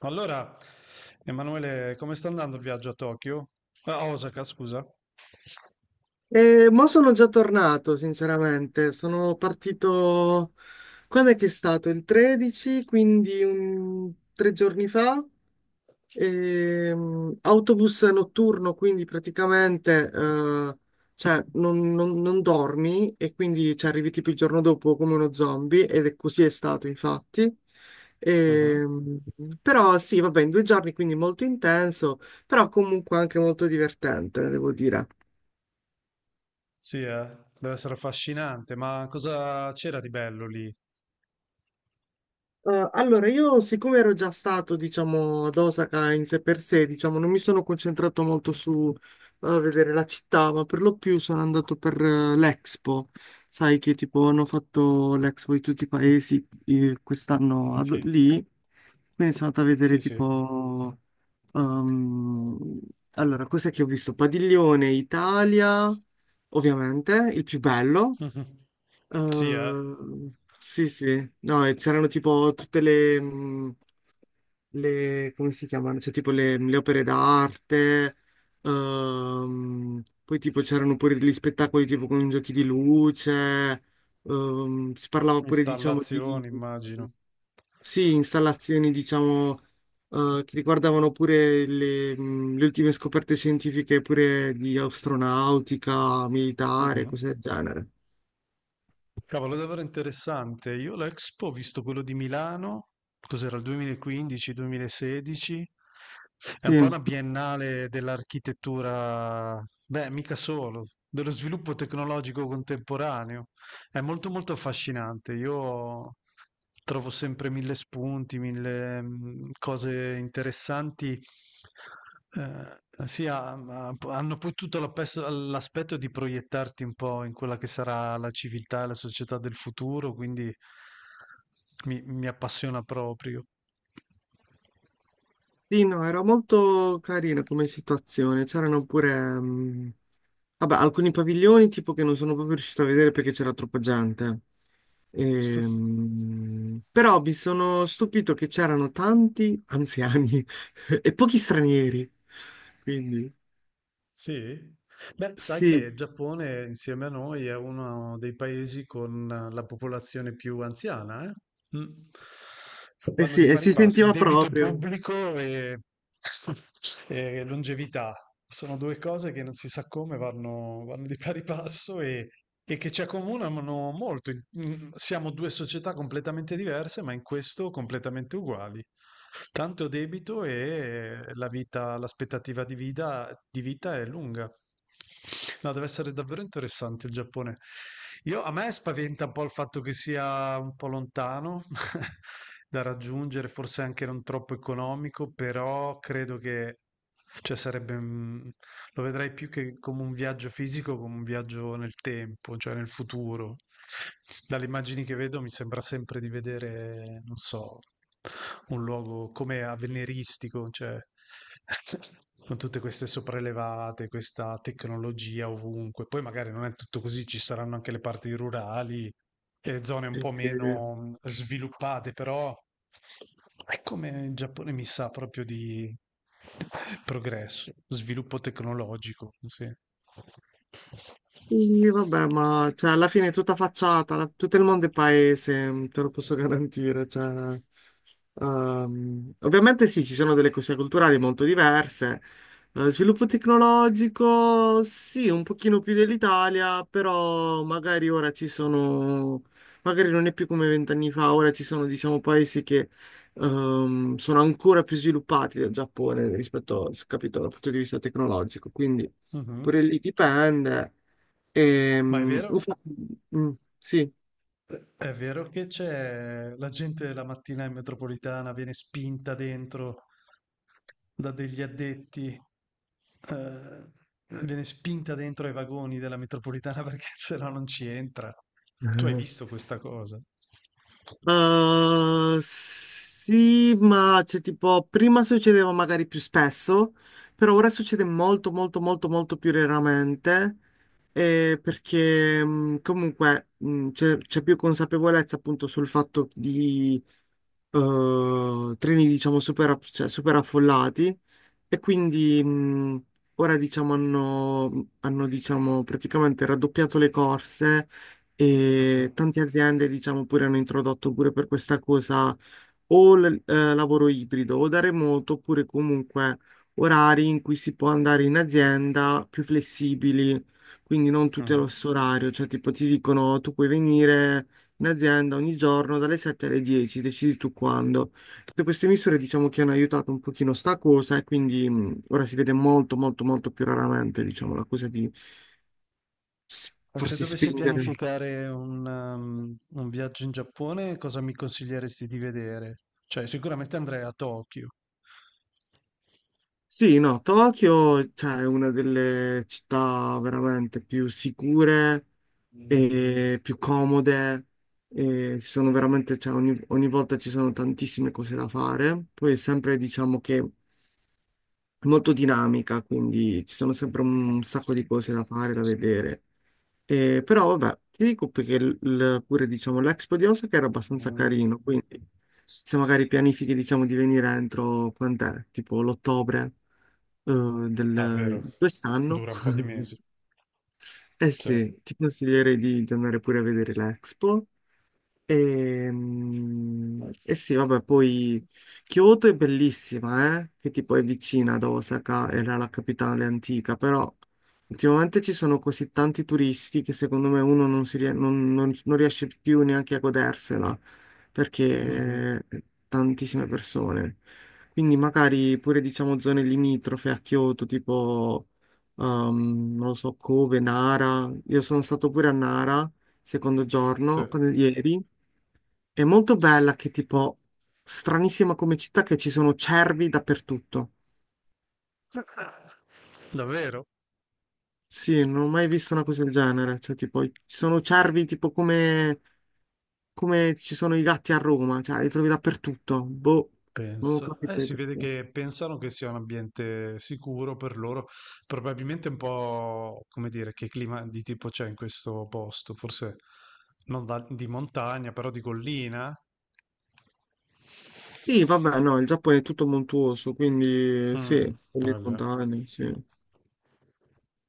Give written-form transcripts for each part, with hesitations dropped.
Allora, Emanuele, come sta andando il viaggio a Tokyo? Ah, a Osaka, scusa. Ma sono già tornato, sinceramente. Sono partito... Quando è che è stato? Il 13, quindi tre giorni fa. Autobus notturno, quindi praticamente non dormi e quindi ci arrivi tipo il giorno dopo come uno zombie ed è così è stato, infatti. Mhm. Ehm, però sì, vabbè, in 2 giorni, quindi molto intenso, però comunque anche molto divertente, devo dire. Sì, deve essere affascinante, ma cosa c'era di bello lì? Allora, io siccome ero già stato, diciamo, ad Osaka in sé per sé, diciamo, non mi sono concentrato molto su vedere la città, ma per lo più sono andato per l'Expo. Sai che tipo hanno fatto l'Expo di tutti i paesi quest'anno Sì, lì, quindi sono andato a vedere sì, sì. tipo... ehm, allora, cos'è che ho visto? Padiglione Italia, ovviamente, il più bello. Mhm. Sì, Sì, sì, no, e c'erano tipo tutte come si chiamano? Cioè tipo le opere d'arte, poi tipo c'erano pure degli spettacoli tipo con giochi di luce, si parlava pure diciamo di, installazioni, immagino. sì, installazioni diciamo che riguardavano pure le ultime scoperte scientifiche pure di astronautica, militare, Mhm. cose del genere. Cavolo, davvero interessante. Io l'Expo ho visto quello di Milano, cos'era il 2015-2016? È un po' Sì. una biennale dell'architettura, beh, mica solo, dello sviluppo tecnologico contemporaneo. È molto molto affascinante. Io trovo sempre mille spunti, mille cose interessanti. Ehm, sì, ha ma p hanno poi tutto l'aspetto di proiettarti un po' in quella che sarà la civiltà e la società del futuro, quindi mi appassiona proprio. Sì, no, era molto carina come situazione. C'erano pure, mm, vabbè, alcuni paviglioni tipo che non sono proprio riuscito a vedere perché c'era troppa gente. Però mi sono stupito che c'erano tanti anziani e pochi stranieri. Quindi, Sì? Beh, sai che sì, il Giappone insieme a noi è uno dei paesi con la popolazione più anziana, eh? Mm. eh Vanno sì, di e pari si passi. sentiva Debito proprio. pubblico e, e longevità. Sono due cose che non si sa come vanno di pari passo e che ci accomunano molto. Siamo due società completamente diverse, ma in questo completamente uguali. Tanto debito e la vita, l'aspettativa di vita è lunga. No, deve essere davvero interessante il Giappone. A me spaventa un po' il fatto che sia un po' lontano da raggiungere, forse anche non troppo economico, però credo che cioè, sarebbe lo vedrai più che come un viaggio fisico, come un viaggio nel tempo, cioè nel futuro. Dalle immagini che vedo mi sembra sempre di vedere, non so, un luogo come avveniristico, cioè con tutte queste sopraelevate, questa tecnologia ovunque. Poi magari non è tutto così, ci saranno anche le parti rurali e zone un po' Eh, meno sviluppate, però è come il Giappone mi sa proprio di progresso, sviluppo tecnologico, sì. Sì, vabbè, ma cioè, alla fine è tutta facciata, tutto il mondo è paese, mm, te lo posso garantire. Cioè, ovviamente sì, ci sono delle cose culturali molto diverse. Sviluppo tecnologico, sì, un pochino più dell'Italia, però magari ora ci sono, magari non è più come 20 anni fa, ora ci sono, diciamo, paesi che sono ancora più sviluppati del Giappone rispetto, capito, dal punto di vista tecnologico. Quindi pure Mhm. lì dipende. Ma è vero? Infatti, mm, sì. È vero che c'è la gente la mattina in metropolitana viene spinta dentro da degli addetti, eh, viene spinta dentro ai vagoni della metropolitana perché se no non ci entra. Tu hai visto questa cosa? Sì, ma c'è tipo, prima succedeva magari più spesso, però ora succede molto, molto, molto, molto più raramente, perché comunque c'è più consapevolezza appunto sul fatto treni diciamo cioè, super affollati e quindi ora diciamo hanno diciamo praticamente raddoppiato le corse Mhm, e tante aziende diciamo pure hanno introdotto pure per questa cosa o lavoro ibrido o da remoto, oppure comunque orari in cui si può andare in azienda più flessibili, quindi non tutti allo mhm. stesso orario, cioè tipo ti dicono tu puoi venire in azienda ogni giorno dalle 7 alle 10, decidi tu quando. Tutte queste misure diciamo che hanno aiutato un pochino sta cosa e quindi ora si vede molto molto molto più raramente diciamo la cosa di Se farsi dovessi spingere. pianificare un viaggio in Giappone, cosa mi consiglieresti di vedere? Cioè, sicuramente andrei a Tokyo. Sì, no, Tokyo, cioè, è una delle città veramente più sicure e più comode. E ci sono veramente, cioè, ogni volta ci sono tantissime cose da fare. Poi è sempre, diciamo che è molto dinamica, quindi ci sono sempre Ah, un sacco di sì. cose da fare, da vedere. E, però, vabbè, ti dico perché pure, diciamo, l'Expo di Osaka era abbastanza carino, quindi se magari pianifichi, diciamo, di venire entro, quant'è? Tipo l'ottobre eh, Ah, vero. del quest'anno. Dura un po' di mesi. Eh Sì. sì, ti consiglierei di andare pure a vedere l'Expo e, e sì, vabbè, poi Kyoto è bellissima, eh? Che tipo è vicina ad Osaka, era la capitale antica, però ultimamente ci sono così tanti turisti che secondo me uno non, non riesce più neanche a godersela, Mhm. perché tantissime persone. Quindi magari pure diciamo zone limitrofe a Kyoto, tipo, non lo so, Kobe, Nara. Io sono stato pure a Nara, secondo Sì. giorno, ieri. È molto bella che tipo stranissima come città che ci sono cervi dappertutto. Davvero? Sì, non ho mai visto una cosa del genere. Cioè, tipo, ci sono cervi tipo come, come ci sono i gatti a Roma, cioè li trovi dappertutto. Boh, non ho Penso. Capito il Si vede perché. che pensano che sia un ambiente sicuro per loro. Probabilmente un po', come dire, che clima di tipo c'è in questo posto. Forse non di montagna, però di collina. Sì, vabbè, no, il Giappone è tutto montuoso, quindi Mm, sì, con le vabbè. montagne, sì.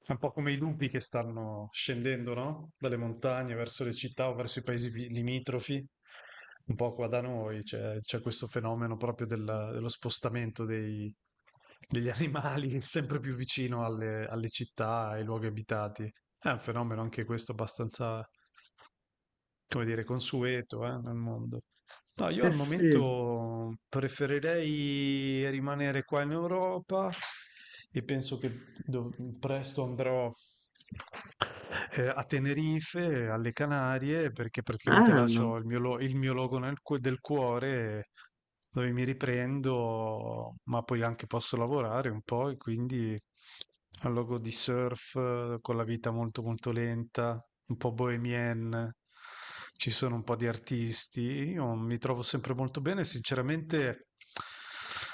È un po' come i lupi che stanno scendendo, no? Dalle montagne verso le città o verso i paesi limitrofi. Un po' qua da noi c'è questo fenomeno proprio dello spostamento degli animali sempre più vicino alle città, ai luoghi abitati. È un fenomeno anche questo abbastanza come dire, consueto, nel mondo. No, io Eh al sì, momento preferirei rimanere qua in Europa e penso che presto andrò a Tenerife, alle Canarie, perché praticamente là bello. c'ho il mio logo del cuore, dove mi riprendo, ma poi anche posso lavorare un po', e quindi al logo di surf, con la vita molto molto lenta, un po' bohemienne, ci sono un po' di artisti, io mi trovo sempre molto bene, sinceramente.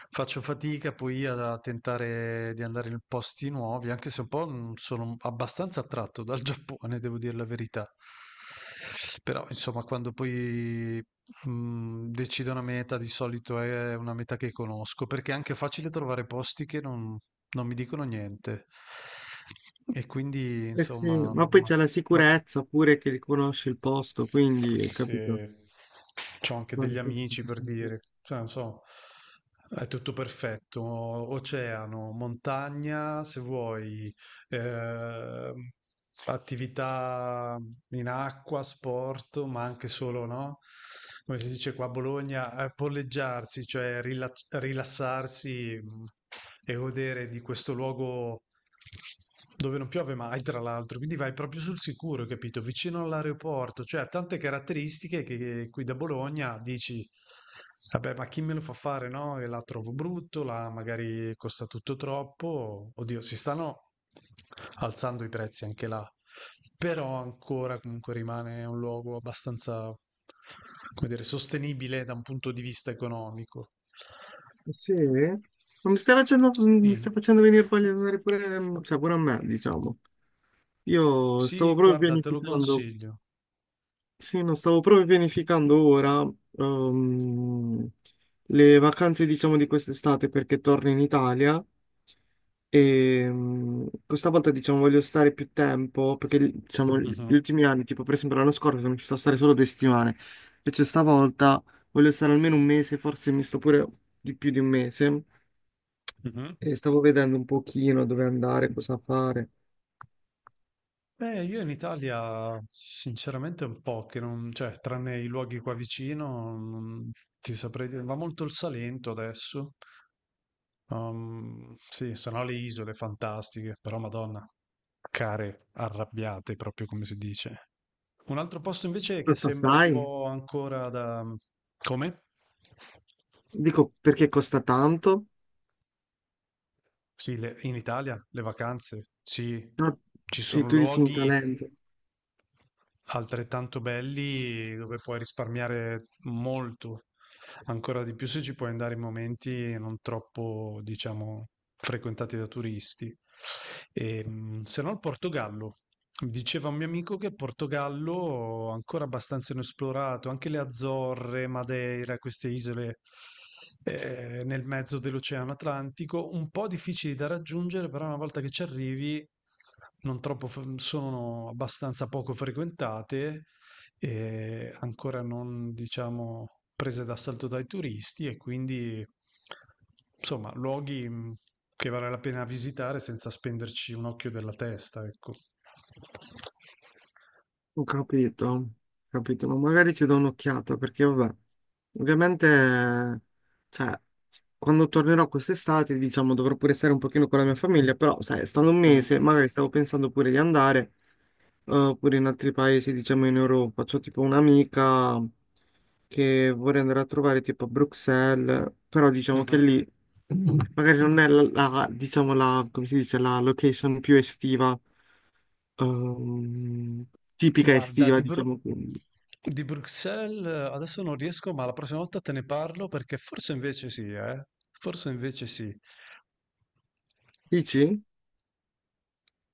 Faccio fatica poi a tentare di andare in posti nuovi, anche se un po' sono abbastanza attratto dal Giappone, devo dire la verità. Però, insomma, quando poi decido una meta, di solito è una meta che conosco, perché è anche facile trovare posti che non, non mi dicono niente. E quindi, Eh sì, insomma, ma poi c'è la ma sicurezza pure che riconosce il posto, quindi anche capito. se c'ho anche Vale degli sempre amici per tutto. dire, cioè, non so, è tutto perfetto, oceano, montagna, se vuoi, eh, attività in acqua, sport, ma anche solo, no? Come si dice qua a Bologna, polleggiarsi, cioè rilassarsi e godere di questo luogo dove non piove mai, tra l'altro, quindi vai proprio sul sicuro, capito? Vicino all'aeroporto, cioè ha tante caratteristiche che qui da Bologna dici: Vabbè, ma chi me lo fa fare, no? E la trovo brutto, la magari costa tutto troppo. Oddio, si stanno alzando i prezzi anche là. Però ancora comunque rimane un luogo abbastanza, come dire, sostenibile da un punto di vista economico. Sì? Ma mi Sì. stai facendo venire voglia di andare pure, cioè pure a me, diciamo. Io Sì, stavo proprio guarda, te lo pianificando, consiglio. sì, no, stavo proprio pianificando ora ehm, le vacanze, diciamo, di quest'estate perché torno in Italia e questa volta, diciamo, voglio stare più tempo perché, diciamo, gli Mhm. ultimi anni, tipo per esempio l'anno scorso, sono riuscito a stare solo 2 settimane. Invece stavolta voglio stare almeno 1 mese, forse mi sto pure di più di 1 mese Mhm. e stavo vedendo un pochino dove andare, cosa fare. Beh, io in Italia sinceramente un po' che non, cioè, tranne i luoghi qua vicino, non ti saprei dire, va molto il Salento adesso. Sì, sono le isole fantastiche, però Madonna, care arrabbiate proprio come si dice. Un altro posto invece che Aspetta, sembra un sai? po' ancora da... Come? Dico perché costa tanto? Sì, in Italia le vacanze, sì, Ah, ci sì, sono tu dici in luoghi talento. altrettanto belli dove puoi risparmiare molto, ancora di più se ci puoi andare in momenti non troppo, diciamo, frequentati da turisti. Se no il Portogallo. Mi diceva un mio amico che il Portogallo ancora abbastanza inesplorato, anche le Azzorre, Madeira, queste isole nel mezzo dell'Oceano Atlantico, un po' difficili da raggiungere, però una volta che ci arrivi non troppo, sono abbastanza poco frequentate ancora non, diciamo, prese d'assalto dai turisti e quindi, insomma, luoghi che vale la pena visitare senza spenderci un occhio della testa, ecco. Ho capito, ma magari ci do un'occhiata perché, vabbè, ovviamente, cioè, quando tornerò quest'estate, diciamo, dovrò pure stare un pochino con la mia famiglia, però, sai, stando un Mm. mese, magari stavo pensando pure di andare. Oppure in altri paesi, diciamo in Europa. C'ho tipo un'amica che vorrei andare a trovare tipo a Bruxelles, però diciamo che Mhm. lì magari non è diciamo la, come si dice, la location più estiva, ehm, tipica Guarda, estiva, diciamo. di Bruxelles adesso non riesco, ma la prossima volta te ne parlo perché forse invece sì, eh? Forse invece sì. Dici?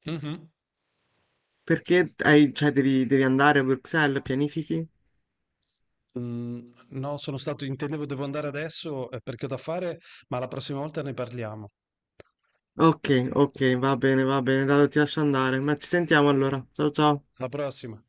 Mhm. Perché cioè, devi andare a Bruxelles, pianifichi? Mhmm, no, sono stato intendevo devo andare adesso, perché ho da fare, ma la prossima volta ne parliamo. Ok, ok, va bene, dai, ti lascio andare, ma ci sentiamo allora. Ciao ciao. Alla prossima.